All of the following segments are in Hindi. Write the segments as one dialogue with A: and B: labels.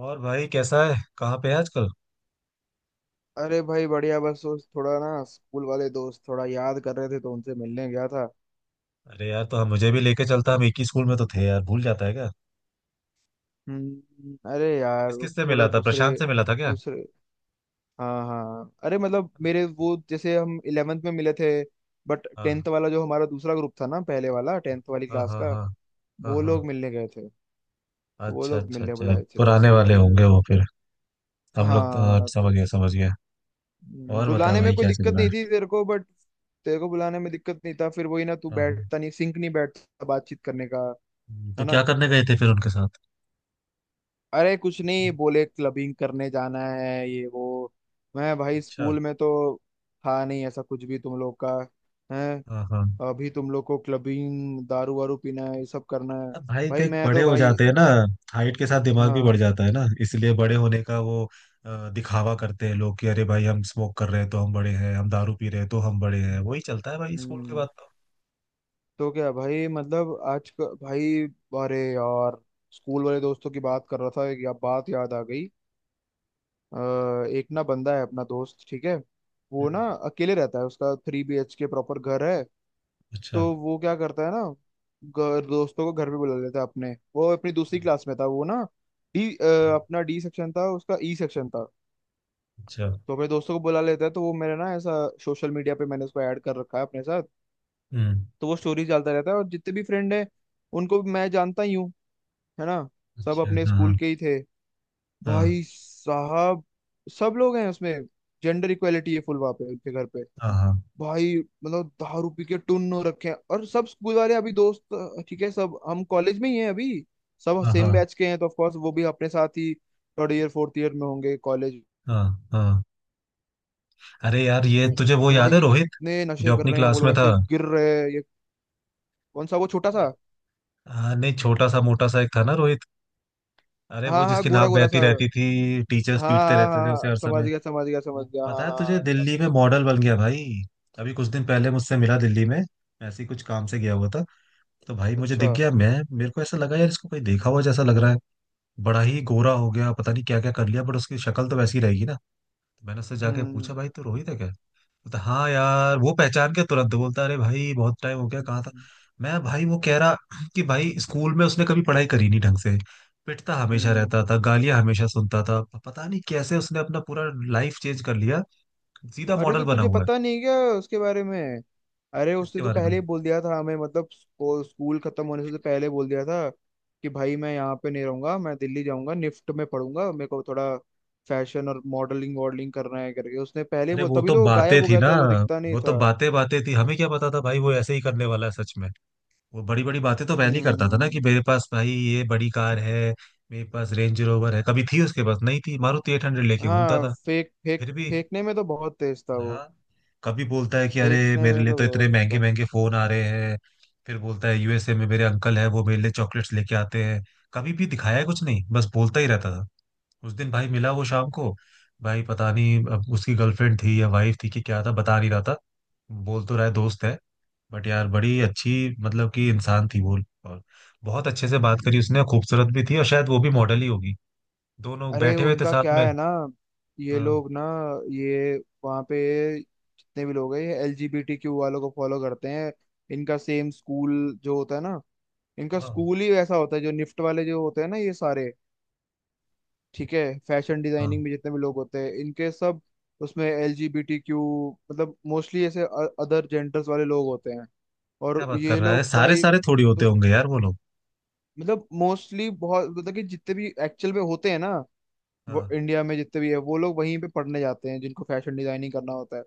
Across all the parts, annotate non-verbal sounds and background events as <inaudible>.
A: और भाई कैसा है? कहाँ पे है आजकल?
B: अरे भाई बढ़िया। बस उस थोड़ा ना स्कूल वाले दोस्त थोड़ा याद कर रहे थे, तो उनसे मिलने गया था।
A: अरे यार, तो हम मुझे भी लेके चलता। हम एक ही स्कूल में तो थे यार, भूल जाता है क्या?
B: अरे यार
A: किस
B: वो
A: किस से
B: थोड़ा
A: मिला था?
B: दूसरे।
A: प्रशांत से मिला था क्या?
B: दूसरे। हाँ हाँ, अरे मतलब मेरे वो, जैसे हम 11th में मिले थे। बट 10th
A: हाँ,
B: वाला जो हमारा दूसरा ग्रुप था ना, पहले वाला, 10th वाली
A: हाँ,
B: क्लास
A: हाँ।
B: का
A: हाँ, हाँ,
B: वो
A: हाँ।
B: लोग मिलने गए थे। तो वो
A: अच्छा,
B: लोग
A: अच्छा,
B: मिलने
A: अच्छा।
B: बुलाए थे
A: पुराने
B: 10वीं
A: वाले
B: वाले।
A: होंगे वो फिर। हम लोग तो, हाँ,
B: हाँ तो,
A: समझ गए समझ गए। और बता
B: बुलाने में
A: भाई,
B: कोई
A: क्या चल
B: दिक्कत
A: रहा
B: नहीं
A: है?
B: थी तेरे को, बट तेरे को बुलाने में दिक्कत नहीं था। फिर वही ना, तू
A: हाँ,
B: बैठता नहीं, सिंक नहीं बैठता बातचीत करने का,
A: हाँ।
B: है
A: तो क्या
B: ना।
A: करने गए थे फिर उनके साथ?
B: अरे कुछ नहीं, बोले क्लबिंग करने जाना है, ये वो। मैं भाई
A: अच्छा।
B: स्कूल में तो था नहीं ऐसा कुछ भी, तुम लोग का है।
A: हाँ, हाँ।
B: अभी तुम लोग को क्लबिंग, दारू वारू पीना है, ये सब करना है।
A: अब भाई
B: भाई
A: देख,
B: मैं
A: बड़े
B: तो
A: हो
B: भाई।
A: जाते हैं ना। हाइट के साथ दिमाग भी बढ़
B: हाँ।
A: जाता है ना, इसलिए बड़े होने का वो। दिखावा करते हैं लोग कि, अरे भाई हम स्मोक कर रहे हैं तो हम बड़े हैं, हम दारू पी रहे हैं तो हम बड़े हैं। वही चलता है भाई स्कूल के
B: हम्म
A: बाद तो।
B: तो क्या भाई, मतलब आज का भाई। अरे यार, स्कूल वाले दोस्तों की बात कर रहा था, एक या बात याद आ गई। अ, एक ना बंदा है अपना दोस्त, ठीक है। वो ना
A: हम्म।
B: अकेले रहता है, उसका 3 BHK प्रॉपर घर है।
A: अच्छा,
B: तो वो क्या करता है ना, दोस्तों को घर पे बुला लेता है अपने। वो अपनी दूसरी क्लास में था वो ना, डी अ, अपना डी सेक्शन था, उसका ई सेक्शन था।
A: अच्छा।
B: तो अपने दोस्तों को बुला लेता है, तो वो मेरा ना ऐसा, सोशल मीडिया पे मैंने उसको ऐड कर रखा है अपने साथ।
A: हम्म।
B: तो वो स्टोरीज डालता रहता है, और जितने भी फ्रेंड है उनको भी मैं जानता ही हूँ, है ना। सब
A: अच्छा।
B: अपने स्कूल
A: हाँ,
B: के ही थे
A: हाँ।
B: भाई साहब। सब लोग हैं उसमें, जेंडर इक्वेलिटी है फुल वहाँ पे उनके घर पे
A: हाँ, हाँ।
B: भाई। मतलब दारू पी के टुन्न हो रखे हैं, और सब स्कूल वाले अभी दोस्त। ठीक है, सब हम कॉलेज में ही हैं अभी। सब
A: हाँ,
B: सेम
A: हाँ।
B: बैच के हैं, तो ऑफ कोर्स वो भी अपने साथ ही थर्ड ईयर फोर्थ ईयर में होंगे कॉलेज
A: हाँ, हाँ। अरे यार, ये
B: में।
A: तुझे वो याद
B: भाई
A: है, रोहित
B: इतने नशे
A: जो
B: कर
A: अपनी
B: रहे हैं वो
A: क्लास में
B: लोग,
A: था?
B: ऐसे गिर रहे हैं ये। कौन सा? वो छोटा सा?
A: हाँ नहीं, छोटा सा मोटा सा एक था ना, रोहित। अरे वो,
B: हाँ हाँ,
A: जिसकी
B: गोरा
A: नाक
B: गोरा सा,
A: बहती
B: हाँ।
A: रहती थी, टीचर्स
B: हाँ
A: पीटते
B: हाँ
A: रहते
B: हाँ
A: थे उसे
B: हाँ,
A: हर
B: समझ
A: समय।
B: गया समझ गया समझ
A: वो
B: गया, हाँ
A: पता है तुझे,
B: हाँ याद आ
A: दिल्ली में
B: गया।
A: मॉडल बन गया भाई। अभी कुछ दिन पहले मुझसे मिला दिल्ली में। मैं ऐसे ही कुछ काम से गया हुआ था। तो भाई मुझे
B: अच्छा।
A: दिख गया। मैं, मेरे को ऐसा लगा यार, इसको कोई देखा हुआ जैसा लग रहा है। बड़ा ही गोरा हो गया, पता नहीं क्या क्या कर लिया, बट उसकी शक्ल तो वैसी ही रहेगी ना। तो मैंने उससे जाके पूछा,
B: हम्म।
A: भाई तू रोहित है क्या? बोलता हाँ यार, वो पहचान के तुरंत बोलता, अरे भाई बहुत टाइम हो गया, कहाँ था।
B: हम्म।
A: मैं भाई, वो कह रहा कि भाई, स्कूल में उसने कभी पढ़ाई करी नहीं ढंग से। पिटता हमेशा
B: हम्म।
A: रहता था, गालियां हमेशा सुनता था, पता नहीं कैसे उसने अपना पूरा लाइफ चेंज कर लिया। सीधा
B: अरे
A: मॉडल
B: तो
A: बना
B: तुझे
A: हुआ है।
B: पता नहीं क्या उसके बारे में। अरे
A: इसके
B: उसने तो
A: बारे में,
B: पहले ही बोल दिया था हमें, मतलब स्कूल खत्म होने से पहले बोल दिया था कि भाई मैं यहाँ पे नहीं रहूंगा, मैं दिल्ली जाऊंगा, निफ्ट में पढ़ूंगा, मेरे को थोड़ा फैशन और मॉडलिंग वॉडलिंग करना है करके। उसने पहले ही
A: अरे
B: बोल,
A: वो
B: तभी
A: तो
B: तो वो गायब
A: बातें
B: हो
A: थी
B: गया
A: ना।
B: था, वो दिखता नहीं
A: वो तो
B: था।
A: बातें बातें थी, हमें क्या पता था भाई वो ऐसे ही करने वाला है सच में। वो बड़ी बड़ी बातें तो पहले ही करता था ना, कि
B: हम्म।
A: मेरे पास भाई ये बड़ी कार है, मेरे पास रेंज रोवर है। कभी थी उसके पास? नहीं थी। मारुति 800 लेके घूमता
B: हाँ
A: था
B: फेंक फेंक।
A: फिर भी।
B: फेंकने में तो बहुत तेज था वो।
A: हाँ, कभी बोलता है कि अरे
B: फेंकने
A: मेरे
B: में
A: लिए
B: तो
A: तो इतने
B: बहुत
A: महंगे महंगे फोन आ रहे हैं। फिर बोलता है, यूएसए में मेरे अंकल है, वो मेरे लिए चॉकलेट्स लेके आते हैं। कभी भी दिखाया कुछ नहीं, बस बोलता ही रहता था। उस दिन भाई मिला वो शाम को। भाई पता नहीं अब उसकी गर्लफ्रेंड थी या वाइफ थी, कि क्या था, बता नहीं रहा था। बोल तो रहा है दोस्त है। बट यार बड़ी अच्छी, मतलब कि इंसान थी वो। और बहुत अच्छे से बात
B: था।
A: करी उसने, खूबसूरत भी थी, और शायद वो भी मॉडल ही होगी। दोनों
B: अरे
A: बैठे हुए थे
B: उनका
A: साथ
B: क्या
A: में।
B: है ना, ये
A: हाँ,
B: लोग ना, ये वहाँ पे जितने भी लोग हैं, ये एलजीबीटीक्यू वालों को फॉलो करते हैं। इनका सेम स्कूल जो होता है ना, इनका
A: हाँ,
B: स्कूल ही वैसा होता है, जो निफ्ट वाले जो होते हैं ना, ये सारे, ठीक है। फैशन
A: हाँ।
B: डिजाइनिंग में जितने भी लोग होते हैं इनके, सब उसमें एलजीबीटीक्यू, मतलब मोस्टली ऐसे अदर जेंडर्स वाले लोग होते हैं।
A: क्या
B: और
A: बात कर
B: ये
A: रहा है,
B: लोग
A: सारे
B: भाई
A: सारे थोड़ी होते
B: तो,
A: होंगे यार वो लोग।
B: मतलब मोस्टली बहुत, मतलब कि जितने भी एक्चुअल में होते हैं ना, वो
A: हाँ।
B: इंडिया में जितने भी है वो लोग वहीं पे पढ़ने जाते हैं, जिनको फैशन डिजाइनिंग करना होता है।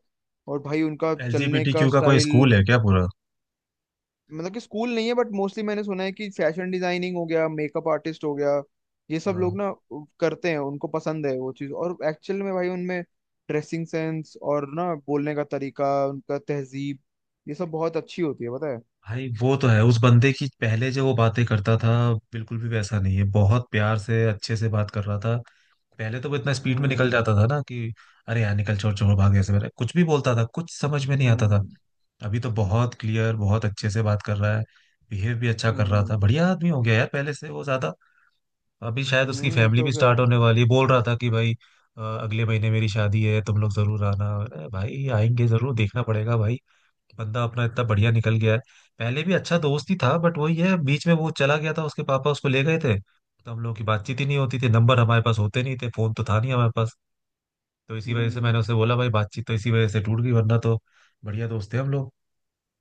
B: और भाई उनका चलने का
A: एलजीबीटीक्यू का कोई
B: स्टाइल,
A: स्कूल है क्या पूरा?
B: मतलब कि स्कूल नहीं है बट मोस्टली मैंने सुना है कि फैशन डिजाइनिंग हो गया, मेकअप आर्टिस्ट हो गया, ये सब
A: हाँ।
B: लोग ना करते हैं, उनको पसंद है वो चीज़। और एक्चुअल में भाई उनमें ड्रेसिंग सेंस, और ना बोलने का तरीका उनका, तहजीब, ये सब बहुत अच्छी होती है पता है।
A: भाई वो तो है, उस बंदे की पहले जो वो बातें करता था, बिल्कुल भी वैसा नहीं है। बहुत प्यार से अच्छे से बात कर रहा था। पहले तो वो इतना स्पीड में निकल
B: हम्म।
A: जाता था ना कि, अरे यार निकल, छोड़ छोड़, भाग ऐसे मेरा कुछ भी बोलता था, कुछ समझ में नहीं आता था।
B: हम्म।
A: अभी तो बहुत क्लियर, बहुत अच्छे से बात कर रहा है। बिहेव भी अच्छा कर रहा था,
B: हम्म।
A: बढ़िया आदमी हो गया यार पहले से वो ज्यादा। अभी शायद उसकी फैमिली
B: तो
A: भी
B: क्या।
A: स्टार्ट होने वाली है, बोल रहा था कि भाई, अगले महीने मेरी शादी है, तुम लोग जरूर आना। अरे भाई आएंगे जरूर, देखना पड़ेगा भाई। बंदा अपना इतना बढ़िया निकल गया है। पहले भी अच्छा दोस्त ही था, बट वही है, बीच में वो चला गया था, उसके पापा उसको ले गए थे। तो हम लोगों की बातचीत ही नहीं होती थी, नंबर हमारे पास होते नहीं थे, फोन तो था नहीं हमारे पास। तो इसी वजह से
B: हम्म।
A: मैंने उसे बोला भाई, बातचीत तो इसी वजह से टूट गई, वरना तो बढ़िया दोस्त थे हम लोग।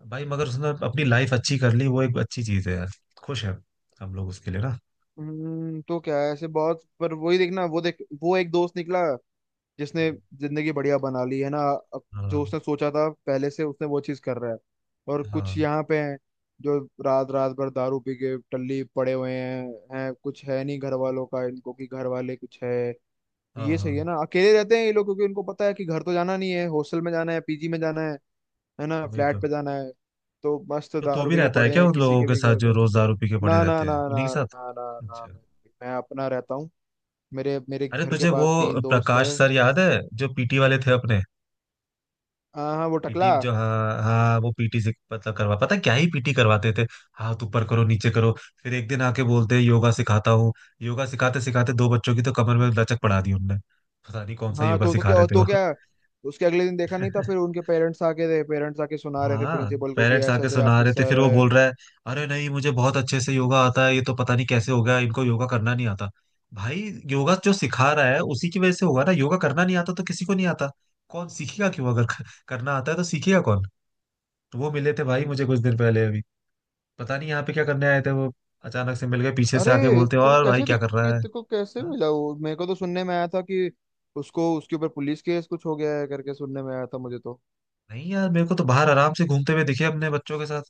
A: भाई मगर उसने अपनी
B: हम्म।
A: लाइफ अच्छी कर ली, वो एक अच्छी चीज है यार। खुश है। हम लोग उसके लिए ना।
B: तो क्या है, ऐसे बहुत, पर वही देखना वो देख। वो एक दोस्त निकला, जिसने जिंदगी बढ़िया बना ली है ना। अब जो
A: हाँ,
B: उसने सोचा था पहले से, उसने वो चीज कर रहा है। और कुछ
A: हाँ।
B: यहाँ पे हैं जो रात रात भर दारू पी के टल्ली पड़े हुए हैं। हैं कुछ है नहीं घर वालों का इनको, कि घर वाले कुछ है।
A: हाँ,
B: ये
A: हाँ।
B: सही है ना, अकेले रहते हैं ये लोग, क्योंकि इनको पता है कि घर तो जाना नहीं है, हॉस्टल में जाना है, पीजी में जाना है ना,
A: वही तो।
B: फ्लैट पे जाना है। तो मस्त
A: तो तू
B: दारू
A: भी
B: पी के
A: रहता है
B: पड़े
A: क्या
B: हैं
A: उन
B: किसी
A: लोगों
B: के
A: के
B: भी
A: साथ
B: घर
A: जो
B: पे।
A: रोज दारू पी के पड़े
B: ना ना
A: रहते
B: ना
A: हैं,
B: ना।
A: उन्हीं के साथ?
B: ना ना ना।
A: अच्छा।
B: मैं अपना रहता हूँ। मेरे मेरे
A: अरे
B: घर के
A: तुझे वो
B: पास तीन दोस्त है।
A: प्रकाश सर याद है, जो पीटी वाले थे अपने?
B: हाँ हाँ वो
A: पीटी
B: टकला।
A: जो, हाँ, हाँ। वो पीटी से पता करवा, पता है क्या ही पीटी करवाते थे। हाथ ऊपर करो, नीचे करो। फिर एक दिन आके बोलते, योगा सिखाता हूँ। योगा सिखाते सिखाते दो बच्चों की तो कमर में लचक पड़ा दी उनने। पता नहीं कौन सा
B: हाँ
A: योगा
B: तो, तो
A: सिखा
B: क्या
A: रहे थे
B: तो
A: वो।
B: क्या उसके अगले दिन देखा नहीं था। फिर
A: <laughs>
B: उनके पेरेंट्स आके थे, पेरेंट्स आके सुना रहे थे
A: हाँ।
B: प्रिंसिपल को, कि
A: पेरेंट्स
B: ऐसे
A: आके
B: ऐसे
A: सुना
B: आपके
A: रहे थे,
B: सर
A: फिर वो
B: है।
A: बोल रहा है, अरे नहीं, मुझे बहुत अच्छे से योगा आता है, ये तो पता नहीं कैसे हो गया, इनको योगा करना नहीं आता। भाई, योगा जो सिखा रहा है उसी की वजह से होगा ना। योगा करना नहीं आता तो किसी को नहीं आता। कौन सीखेगा, क्यों? अगर करना आता है तो सीखेगा कौन? तो वो मिले थे भाई
B: हम्म।
A: मुझे कुछ दिन पहले अभी। पता नहीं यहाँ पे क्या करने आए थे वो। अचानक से मिल गए, पीछे से
B: अरे,
A: आके बोलते, और भाई क्या कर रहा है।
B: तेरे को कैसे
A: हाँ,
B: मिला वो। मेरे को तो सुनने में आया था कि उसको, उसके ऊपर पुलिस केस कुछ हो गया है करके, सुनने में आया था मुझे तो।
A: नहीं यार, मेरे को तो बाहर आराम से घूमते हुए दिखे अपने बच्चों के साथ।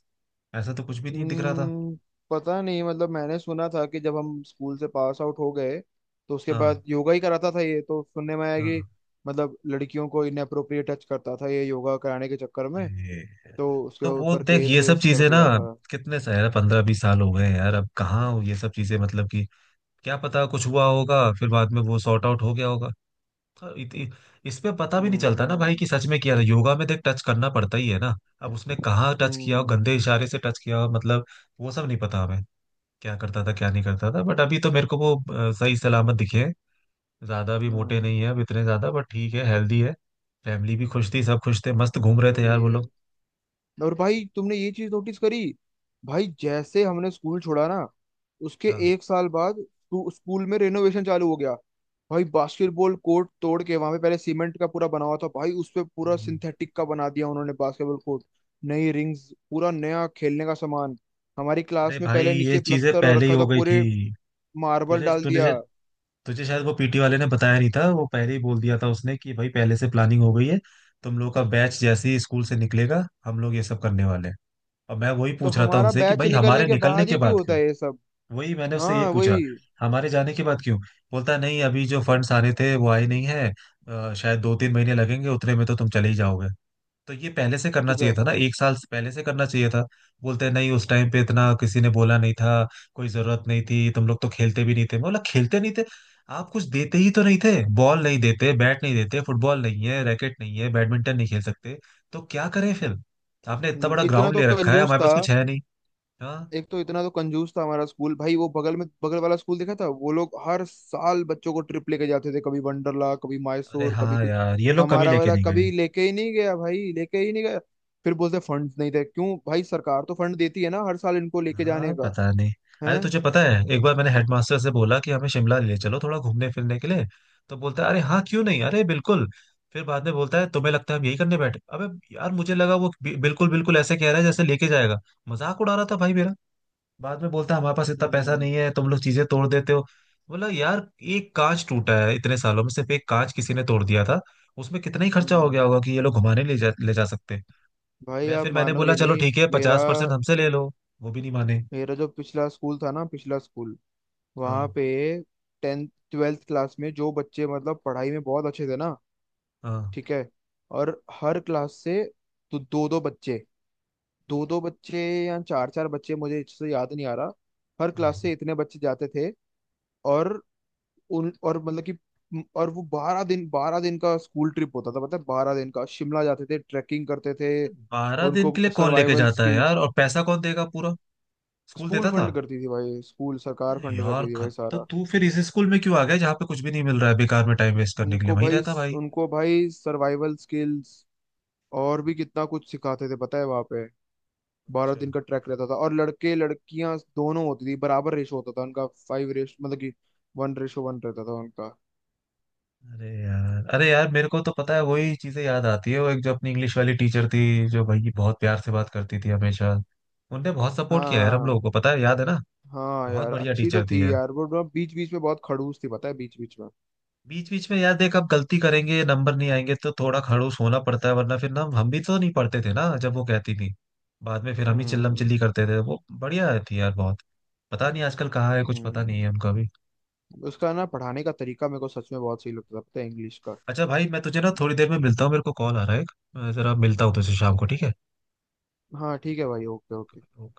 A: ऐसा तो कुछ भी नहीं दिख रहा था।
B: हम्म, पता नहीं, मतलब मैंने सुना था कि जब हम स्कूल से पास आउट हो गए, तो उसके बाद
A: हाँ,
B: योगा ही कराता था, ये तो सुनने में आया कि
A: हाँ।
B: मतलब लड़कियों को इनएप्रोप्रिएट टच करता था, ये योगा कराने के चक्कर में।
A: अरे,
B: तो उसके
A: तो वो
B: ऊपर
A: देख
B: केस
A: ये सब
B: वेस कर
A: चीजें ना,
B: दिया था।
A: कितने साल, 15-20 साल हो गए हैं यार। अब कहाँ हो ये सब चीजें, मतलब कि, क्या पता, कुछ हुआ होगा फिर बाद में वो सॉर्ट आउट हो गया होगा। हाँ। इस पे पता भी नहीं चलता ना
B: हम्म।
A: भाई कि सच में किया था। योगा में देख टच करना पड़ता ही है ना। अब उसने कहाँ टच किया हो,
B: हम्म।
A: गंदे इशारे से टच किया हो, मतलब वो सब नहीं पता हमें। क्या करता था क्या नहीं करता था, बट अभी तो मेरे को वो सही सलामत दिखे हैं। ज्यादा भी मोटे
B: हम्म,
A: नहीं है अब इतने ज्यादा, बट ठीक है, हेल्दी है। फैमिली भी खुश थी, सब खुश थे, मस्त घूम रहे थे यार
B: सही
A: वो
B: है।
A: लोग।
B: और भाई तुमने ये चीज नोटिस करी, भाई जैसे हमने स्कूल छोड़ा ना, उसके
A: हाँ।
B: एक साल बाद स्कूल में रेनोवेशन चालू हो गया। भाई बास्केटबॉल कोर्ट तोड़ के, वहां पे पहले सीमेंट का पूरा बना हुआ था भाई, उस पे पूरा
A: हम्म।
B: सिंथेटिक का बना दिया उन्होंने बास्केटबॉल कोर्ट। नई रिंग्स, पूरा नया खेलने का सामान। हमारी क्लास
A: अरे
B: में
A: भाई,
B: पहले
A: ये
B: नीचे
A: चीजें
B: प्लस्तर हो
A: पहले ही
B: रखा
A: हो
B: था
A: गई थी।
B: पूरे, मार्बल
A: तुझे
B: डाल दिया।
A: तुझे तुझे शायद वो पीटी वाले ने बताया नहीं था। वो पहले ही बोल दिया था उसने कि भाई, पहले से प्लानिंग हो गई है। तुम लोग का बैच जैसे ही स्कूल से निकलेगा, हम लोग ये सब करने वाले हैं। और मैं वही
B: तो
A: पूछ रहा था
B: हमारा
A: उनसे कि
B: बैच
A: भाई,
B: निकलने
A: हमारे
B: के
A: निकलने
B: बाद
A: के
B: ही क्यों
A: बाद
B: होता
A: क्यों?
B: है ये सब।
A: वही मैंने उससे यही
B: हाँ
A: पूछा,
B: वही।
A: हमारे जाने के बाद क्यों? बोलता है, नहीं अभी जो फंड्स आ रहे थे वो आए नहीं है। शायद 2-3 महीने लगेंगे, उतने में तो तुम चले ही जाओगे। तो ये पहले से करना
B: तो
A: चाहिए
B: क्या।
A: था ना, एक साल से पहले से करना चाहिए था। बोलते हैं नहीं, उस टाइम पे इतना किसी ने बोला नहीं था, कोई जरूरत नहीं थी, तुम लोग तो खेलते भी नहीं थे। मैं बोला, खेलते नहीं थे? आप कुछ देते ही तो नहीं थे। बॉल नहीं देते, बैट नहीं देते, फुटबॉल नहीं है, रैकेट नहीं है, बैडमिंटन नहीं खेल सकते, तो क्या करें फिर? आपने इतना बड़ा
B: इतना
A: ग्राउंड
B: तो
A: ले रखा है,
B: कंजूस
A: हमारे
B: था।
A: पास कुछ है नहीं। हाँ।
B: एक तो इतना तो कंजूस था हमारा स्कूल भाई। वो बगल में, बगल वाला स्कूल देखा था, वो लोग हर साल बच्चों को ट्रिप लेके जाते थे, कभी वंडरला, कभी
A: अरे
B: मैसूर, कभी
A: हाँ
B: कुछ।
A: यार, ये लोग कभी
B: हमारा
A: लेके
B: वाला
A: नहीं गए।
B: कभी लेके ही नहीं गया भाई, लेके ही नहीं गया। फिर बोलते फंड्स नहीं थे, क्यों भाई, सरकार तो फंड देती है ना हर साल इनको लेके जाने
A: हाँ,
B: का
A: पता नहीं। अरे
B: है।
A: तुझे पता है, एक बार मैंने हेडमास्टर से बोला कि हमें शिमला ले चलो थोड़ा घूमने फिरने के लिए। तो बोलता है, अरे हाँ क्यों नहीं, अरे बिल्कुल। फिर बाद में बोलता है, तुम्हें लगता है हम यही करने बैठे, अबे। यार मुझे लगा वो बिल्कुल बिल्कुल ऐसे कह रहा है जैसे लेके जाएगा। मजाक उड़ा रहा था भाई मेरा। बाद में बोलता है, हमारे पास इतना पैसा
B: हम्म।
A: नहीं है, तुम लोग चीजें तोड़ देते हो। बोला यार, एक कांच टूटा है इतने सालों में, सिर्फ एक कांच किसी ने तोड़ दिया था। उसमें कितना ही खर्चा हो
B: हम्म।
A: गया होगा कि ये लोग घुमाने ले जा सकते।
B: भाई
A: मैं,
B: आप
A: फिर मैंने बोला,
B: मानोगे
A: चलो
B: नहीं
A: ठीक है,
B: मेरा।
A: 50% हमसे ले लो। वो भी नहीं माने।
B: मेरा जो पिछला स्कूल था ना, पिछला स्कूल, वहां
A: हाँ,
B: पे 10th 12th क्लास में जो बच्चे मतलब पढ़ाई में बहुत अच्छे थे ना,
A: हाँ।
B: ठीक है, और हर क्लास से, तो दो दो बच्चे, दो दो बच्चे या चार चार बच्चे, मुझे अच्छे से याद नहीं आ रहा, हर
A: हाँ,
B: क्लास
A: हाँ।
B: से इतने बच्चे जाते थे। और और मतलब कि और वो 12 दिन, 12 दिन का स्कूल ट्रिप होता था, पता है, 12 दिन का, शिमला जाते थे, ट्रैकिंग करते थे,
A: बारह
B: और
A: दिन
B: उनको
A: के लिए कौन लेके
B: सर्वाइवल
A: जाता है यार,
B: स्किल्स।
A: और पैसा कौन देगा पूरा? स्कूल
B: स्कूल
A: देता था?
B: फंड करती थी भाई, स्कूल, सरकार
A: अरे
B: फंड
A: यार
B: करती थी भाई
A: खत्ता,
B: सारा।
A: तू फिर इस स्कूल में क्यों आ गया जहाँ पे कुछ भी नहीं मिल रहा है, बेकार में टाइम वेस्ट करने के लिए?
B: उनको
A: वहीं
B: भाई,
A: रहता भाई।
B: सर्वाइवल स्किल्स और भी कितना कुछ सिखाते थे पता है वहाँ पे। बारह
A: अच्छा।
B: दिन का ट्रैक रहता था, और लड़के लड़कियां दोनों होती थी, बराबर रेशो होता था उनका, फाइव रेश, मतलब कि 1:1 रहता था उनका।
A: अरे यार, अरे यार, मेरे को तो पता है वही चीजें याद आती है, वो एक जो अपनी इंग्लिश वाली टीचर थी, जो भाई बहुत प्यार से बात करती थी हमेशा। उनने बहुत
B: हाँ
A: सपोर्ट किया यार हम
B: हाँ।
A: लोगों को, पता है, याद है ना।
B: हाँ
A: बहुत
B: यार
A: बढ़िया
B: अच्छी तो
A: टीचर थी।
B: थी यार वो, बीच बीच में बहुत खड़ूस थी पता है, बीच बीच में।
A: बीच बीच में यार देख, अब गलती करेंगे नंबर नहीं आएंगे तो थोड़ा खड़ूस होना पड़ता है, वरना फिर ना, हम भी तो नहीं पढ़ते थे ना जब वो कहती थी। बाद में फिर हम ही चिल्लम
B: हम्म।
A: चिल्ली करते थे। वो बढ़िया थी यार बहुत। पता नहीं आजकल कहाँ है, कुछ पता
B: हम्म।
A: नहीं है उनका भी।
B: उसका ना पढ़ाने का तरीका मेरे को सच में बहुत सही लगता था, पता है, इंग्लिश का।
A: अच्छा भाई, मैं तुझे ना थोड़ी देर में मिलता हूँ, मेरे को कॉल आ रहा है एक, मैं जरा मिलता हूँ तुझसे शाम को, ठीक है?
B: हाँ ठीक है भाई, ओके ओके।
A: ओके।